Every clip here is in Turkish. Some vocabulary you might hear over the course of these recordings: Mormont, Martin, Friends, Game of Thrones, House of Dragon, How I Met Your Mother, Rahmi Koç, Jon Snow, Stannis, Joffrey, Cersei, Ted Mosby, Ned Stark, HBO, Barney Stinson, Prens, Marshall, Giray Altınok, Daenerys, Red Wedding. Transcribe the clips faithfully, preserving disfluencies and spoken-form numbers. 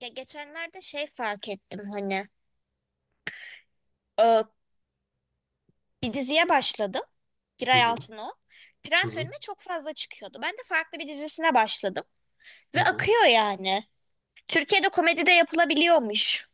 Ya geçenlerde şey fark ettim hani, e, bir diziye başladım. Hı Giray hı, Altınok. hı Prens hı, önüme çok fazla çıkıyordu. Ben de farklı bir dizisine başladım. hı Ve hı. akıyor yani. Türkiye'de komedi de yapılabiliyormuş.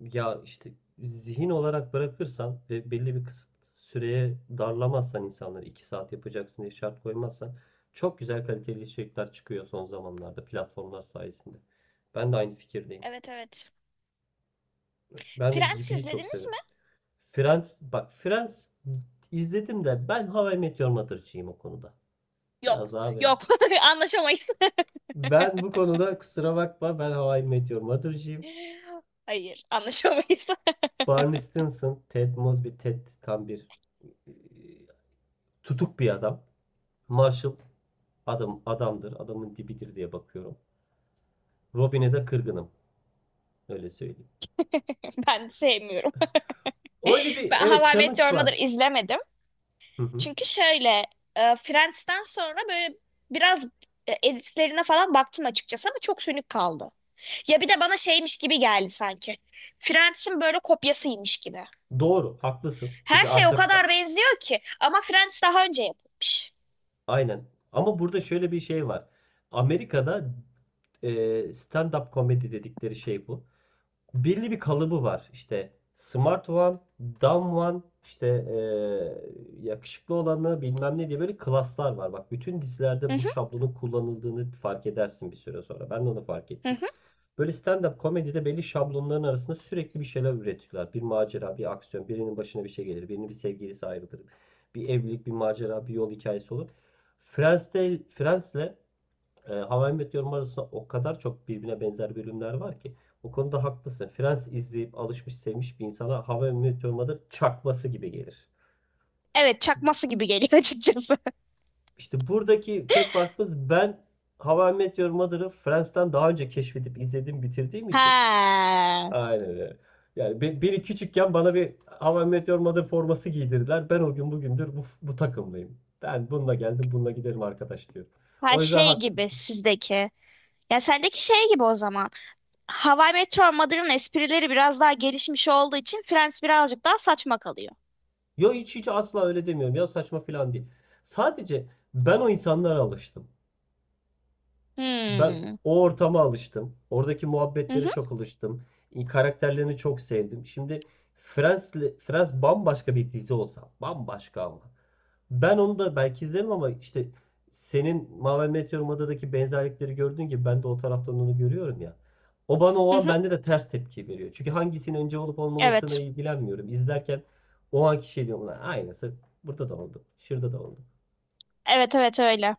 Ya işte zihin olarak bırakırsan ve belli bir kısıt süreye darlamazsan insanları iki saat yapacaksın diye şart koymazsan çok güzel kaliteli içerikler çıkıyor son zamanlarda platformlar sayesinde. Ben de aynı fikirdeyim. Evet, evet. Ben de Prens Gibi'yi çok izlediniz severim. mi? Friends, bak Friends izledim de ben How I Met Your Mother'cıyım o konuda. Yok. Biraz daha böyle. Yok. Anlaşamayız. Ben bu konuda kusura bakma, ben How I Met Your Mother'cıyım. Hayır, anlaşamayız. Barney Stinson, Ted Mosby, Ted tam bir tutuk bir adam. Marshall adam adamdır. Adamın dibidir diye bakıyorum. Robin'e de kırgınım. Öyle söyleyeyim. Ben sevmiyorum. Öyle bir Ben How evet I Met challenge Your Mother var. izlemedim. Hı hı. Çünkü şöyle, e, Friends'ten sonra böyle biraz e, editlerine falan baktım açıkçası ama çok sönük kaldı. Ya bir de bana şeymiş gibi geldi sanki. Friends'in böyle kopyasıymış gibi. Doğru, haklısın. Her Çünkü şey o artık kadar benziyor ki ama Friends daha önce yapılmış. aynen. Ama burada şöyle bir şey var. Amerika'da e, stand-up komedi dedikleri şey bu. Belli bir kalıbı var. İşte smart one, dumb one, işte eee, yakışıklı olanı bilmem ne diye böyle klaslar var. Bak, bütün Hı dizilerde bu hı, şablonun kullanıldığını fark edersin bir süre sonra. Ben de onu fark hı ettim. hı. Böyle stand-up komedide belli şablonların arasında sürekli bir şeyler üretiyorlar. Bir macera, bir aksiyon, birinin başına bir şey gelir, birinin bir sevgilisi ayrılır. Bir evlilik, bir macera, bir yol hikayesi olur. Friends'te, Friends'le e, How I Met Your Mother arasında o kadar çok birbirine benzer bölümler var ki. O konuda haklısın. Friends izleyip alışmış sevmiş bir insana How I Met Your Mother çakması gibi gelir. Evet, çakması gibi geliyor açıkçası. İşte buradaki tek farkımız ben How I Met Your Mother'ı Friends'ten daha önce keşfedip izledim bitirdiğim için. Ha. Aynen öyle. Yani be- beni küçükken bana bir How I Met Your Mother forması giydirdiler. Ben o gün bugündür bu, bu takımlıyım. Ben bununla geldim bununla giderim arkadaş diyorum. Ha O yüzden şey hak, gibi sizdeki. Ya sendeki şey gibi o zaman. Hawaii Meteor Mother'ın esprileri biraz daha gelişmiş olduğu için Friends birazcık daha saçma kalıyor. ya hiç hiç asla öyle demiyorum ya, saçma falan değil. Sadece ben o insanlara alıştım. Ben Hmm. o ortama alıştım. Oradaki Hı muhabbetlere hı, çok alıştım. Karakterlerini çok sevdim. Şimdi Friends, Friends bambaşka bir dizi olsa, bambaşka ama. Ben onu da belki izlerim ama işte senin Mavi Meteor Mada'daki benzerlikleri gördüğün gibi ben de o taraftan onu görüyorum ya. O bana o hı an hı. bende de ters tepki veriyor. Çünkü hangisinin önce olup olmamasına Evet. ilgilenmiyorum. İzlerken o anki şey diyorum, lan aynısı burada da oldu. Şurada da oldu. Evet, evet öyle.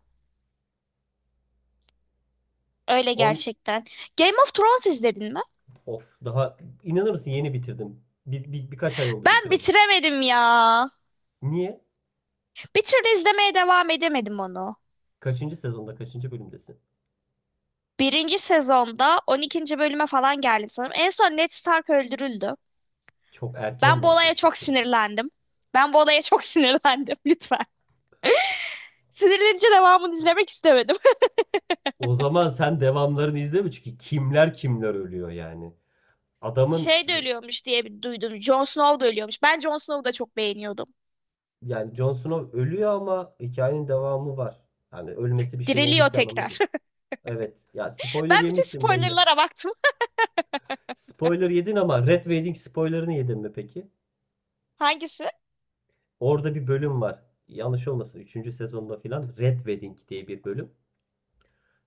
Öyle On gerçekten. Game of Thrones izledin mi? of, daha inanır mısın, yeni bitirdim. Bir, bir- birkaç ay oldu Ben bitireli. bitiremedim ya. Niye? Bir türlü izlemeye devam edemedim onu. Kaçıncı sezonda kaçıncı bölümdesin? Birinci sezonda on ikinci bölüme falan geldim sanırım. En son Ned Stark öldürüldü. Çok erken Ben bu olaya çok vazgeçmişsin ama. sinirlendim. Ben bu olaya çok sinirlendim lütfen. Sinirlenince devamını izlemek istemedim. O zaman sen devamlarını izleme, çünkü kimler kimler ölüyor yani, adamın. Şey de ölüyormuş diye bir duydum. Jon Snow da ölüyormuş. Ben Jon Snow'u da çok beğeniyordum. Yani Jon Snow ölüyor ama hikayenin devamı var. Yani ölmesi bir şeylerin Diriliyor bittiği anlamına tekrar. gelir. Evet. Ya spoiler Ben bütün yemişsin belli. spoilerlara baktım. Spoiler yedin ama Red Wedding spoilerını yedin mi peki? Hangisi? Orada bir bölüm var. Yanlış olmasın, üçüncü sezonda filan, Red Wedding diye bir bölüm.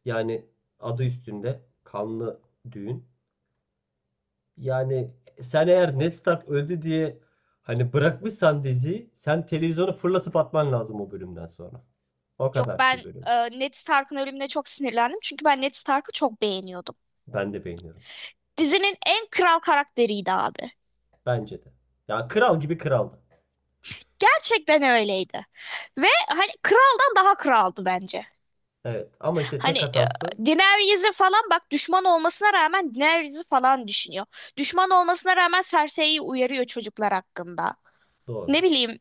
Yani adı üstünde, kanlı düğün. Yani sen eğer Ned Stark öldü diye hani bırakmışsan diziyi, sen televizyonu fırlatıp atman lazım o bölümden sonra. O Yok, kadar bir ben bölüm. e, Ned Stark'ın ölümüne çok sinirlendim. Çünkü ben Ned Stark'ı çok beğeniyordum. Ben de beğeniyorum işte. Dizinin en kral karakteriydi abi. Bence de. Ya kral gibi kraldı. Gerçekten öyleydi. Ve hani kraldan daha kraldı bence. Evet ama işte Hani tek e, hatası Daenerys'i falan bak, düşman olmasına rağmen Daenerys'i falan düşünüyor. Düşman olmasına rağmen Cersei'yi uyarıyor çocuklar hakkında. doğru. Ne bileyim,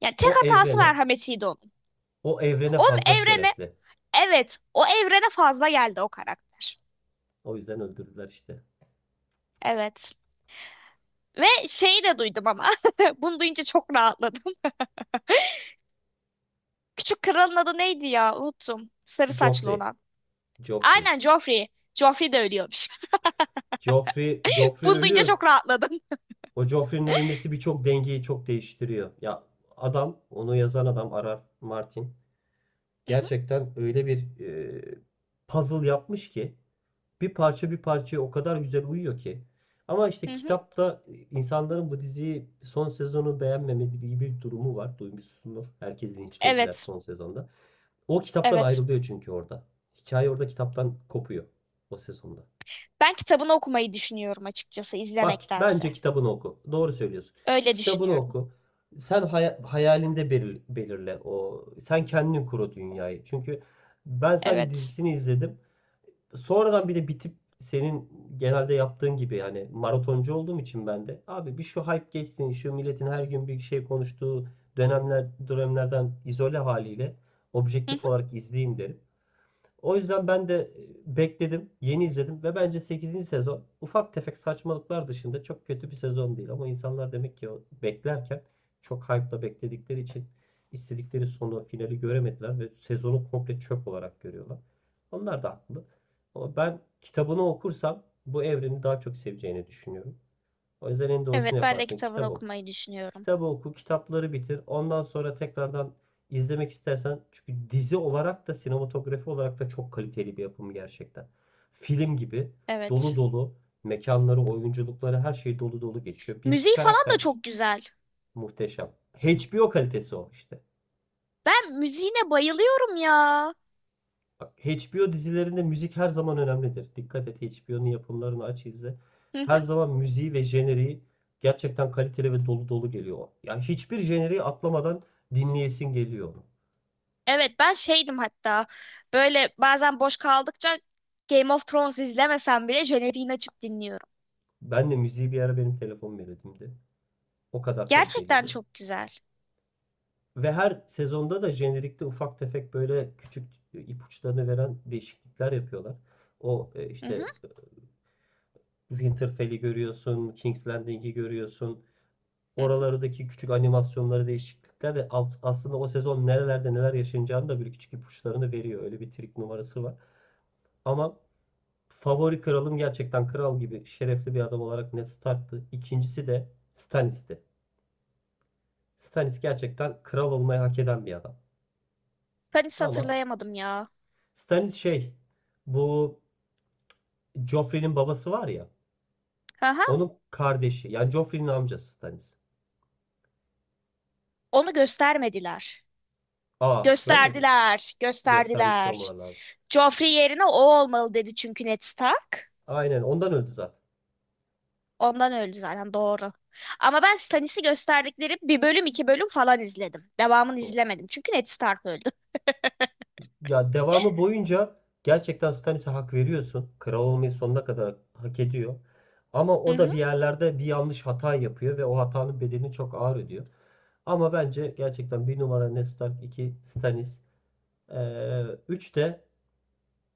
yani tek O hatası evrene, merhametiydi onun. o evrene Onun fazla evrene şerefli. evet, o evrene fazla geldi o karakter. O yüzden öldürdüler işte. Evet. Ve şeyi de duydum ama bunu duyunca çok rahatladım. Küçük kralın adı neydi ya, unuttum. Sarı saçlı Joffrey, olan. Joffrey. Aynen, Joffrey. Joffrey de ölüyormuş. Joffrey, Joffrey Bunu duyunca ölüyor. çok rahatladım. O Joffrey'nin ölmesi birçok dengeyi çok değiştiriyor. Ya adam, onu yazan adam arar. Martin Hı hı, gerçekten öyle bir e, puzzle yapmış ki, bir parça bir parçaya o kadar güzel uyuyor ki. Ama işte hı hı. kitapta insanların bu diziyi son sezonu beğenmemediği gibi bir durumu var. Duymuşsundur. Herkesi linçlediler Evet, son sezonda. O kitaptan evet. ayrılıyor çünkü orada. Hikaye orada kitaptan kopuyor o sezonda. Ben kitabını okumayı düşünüyorum açıkçası, Bak izlemektense. bence kitabını oku. Doğru söylüyorsun. Öyle Kitabını düşünüyorum. oku. Sen hay- hayalinde belir- belirle o. Sen kendin kur o dünyayı. Çünkü ben sadece Evet. dizisini izledim. Sonradan bir de bitip senin genelde yaptığın gibi, yani maratoncu olduğum için ben de abi, bir şu hype geçsin, şu milletin her gün bir şey konuştuğu dönemler, dönemlerden izole haliyle Hı objektif hı. olarak izleyeyim derim. O yüzden ben de e, bekledim, yeni izledim ve bence sekizinci sezon ufak tefek saçmalıklar dışında çok kötü bir sezon değil. Ama insanlar demek ki o beklerken çok hype'la bekledikleri için istedikleri sonu, finali göremediler ve sezonu komple çöp olarak görüyorlar. Onlar da haklı. Ama ben kitabını okursam bu evreni daha çok seveceğini düşünüyorum. O yüzden en Evet, doğrusunu ben de yaparsın. kitabını Kitap oku. okumayı düşünüyorum. Kitabı oku, kitapları bitir. Ondan sonra tekrardan izlemek istersen, çünkü dizi olarak da sinematografi olarak da çok kaliteli bir yapım gerçekten. Film gibi dolu Evet. dolu mekanları, oyunculukları, her şey dolu dolu geçiyor. Bir iki Müziği falan da karakter de çok güzel. muhteşem. H B O kalitesi o işte. Ben müziğine bayılıyorum ya. Bak, H B O dizilerinde müzik her zaman önemlidir. Dikkat et, H B O'nun yapımlarını aç izle. Hı hı. Her zaman müziği ve jeneriği gerçekten kaliteli ve dolu dolu geliyor. Ya hiçbir jeneriği atlamadan dinleyesin geliyor. Evet, ben şeydim hatta. Böyle bazen boş kaldıkça Game of Thrones izlemesem bile jeneriğini açıp dinliyorum. Ben de müziği bir ara benim telefon melodimdi. O kadar Gerçekten kaliteliydi. çok güzel. Ve her sezonda da jenerikte ufak tefek böyle küçük ipuçlarını veren değişiklikler yapıyorlar. O e, Hı hı, işte Winterfell'i görüyorsun, King's Landing'i görüyorsun. hı hı. Oralardaki küçük animasyonları, değişiklikler de alt- aslında o sezon nerelerde neler yaşanacağını da böyle küçük ipuçlarını veriyor. Öyle bir trik numarası var. Ama favori kralım gerçekten kral gibi şerefli bir adam olarak Ned Stark'tı. İkincisi de Stannis'ti. Stannis gerçekten kral olmayı hak eden bir adam. Ben hiç Ama hatırlayamadım ya. Stannis şey, bu Joffrey'nin babası var ya, Aha, onun kardeşi yani Joffrey'nin amcası Stannis. onu göstermediler. Aa, görmedin mi? Gösterdiler, Göstermiş gösterdiler. olmaları lazım. Joffrey yerine o olmalı dedi çünkü Ned Stark. Aynen, ondan öldü zaten. Ondan öldü zaten, doğru. Ama ben Stannis'i gösterdikleri bir bölüm iki bölüm falan izledim. Devamını izlemedim çünkü Ned Stark öldü. Ya devamı boyunca gerçekten Stannis'e hak veriyorsun. Kral olmayı sonuna kadar hak ediyor. Ama Hı o da hı. bir yerlerde bir yanlış hata yapıyor ve o hatanın bedelini çok ağır ödüyor. Ama bence gerçekten bir numara Ned Stark, iki Stannis, ee, üç de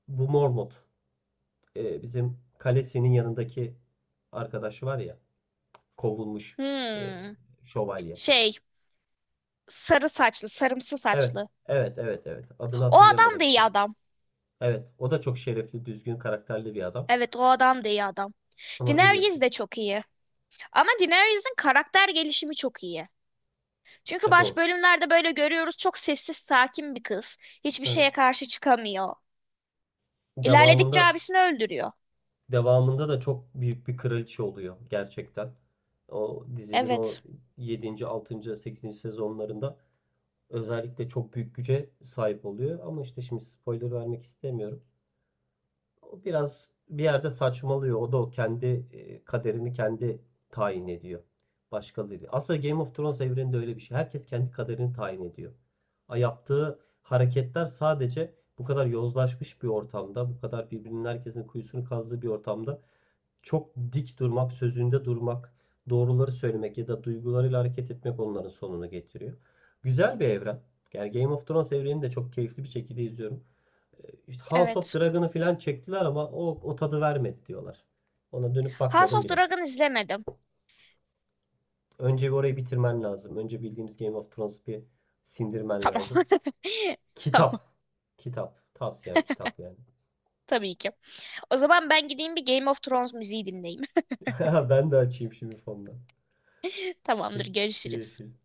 bu Mormont, e, bizim kalesinin yanındaki arkadaşı var ya, kovulmuş e, Hmm. şövalye. Şey, sarı saçlı sarımsı Evet, saçlı. evet, evet, evet. Adını O adam hatırlayamadım da iyi şimdi. adam. Evet, o da çok şerefli, düzgün, karakterli bir adam. Evet, o adam da iyi adam. Ama Daenerys biliyorsun. de çok iyi. Ama Daenerys'in karakter gelişimi çok iyi. Çünkü E baş doğru. bölümlerde böyle görüyoruz, çok sessiz sakin bir kız. Hiçbir Evet. şeye karşı çıkamıyor. İlerledikçe Devamında abisini öldürüyor. devamında da çok büyük bir kraliçe oluyor gerçekten. O dizinin o Evet, yedinci, altıncı sekizinci sezonlarında özellikle çok büyük güce sahip oluyor. Ama işte şimdi spoiler vermek istemiyorum. O biraz bir yerde saçmalıyor. O da o kendi e, kaderini kendi tayin ediyor. Başkaları. Aslında Game of Thrones evreninde öyle bir şey. Herkes kendi kaderini tayin ediyor. A, yaptığı hareketler sadece bu kadar yozlaşmış bir ortamda, bu kadar birbirinin, herkesin kuyusunu kazdığı bir ortamda çok dik durmak, sözünde durmak, doğruları söylemek ya da duygularıyla hareket etmek onların sonunu getiriyor. Güzel bir evren. Yani Game of Thrones evrenini de çok keyifli bir şekilde izliyorum. Ee, İşte House of evet. Dragon'ı falan çektiler ama o, o tadı vermedi diyorlar. Ona dönüp House bakmadım of bile. Dragon izlemedim. Önce bir orayı bitirmen lazım. Önce bildiğimiz Game of Thrones'u bir sindirmen Tamam. lazım. Tamam, Kitap. Kitap. Tavsiyem kitap yani. tabii ki. O zaman ben gideyim bir Game of Thrones müziği dinleyeyim. Ben de açayım şimdi fondan. Tamamdır, Peki. görüşürüz. Görüşürüz.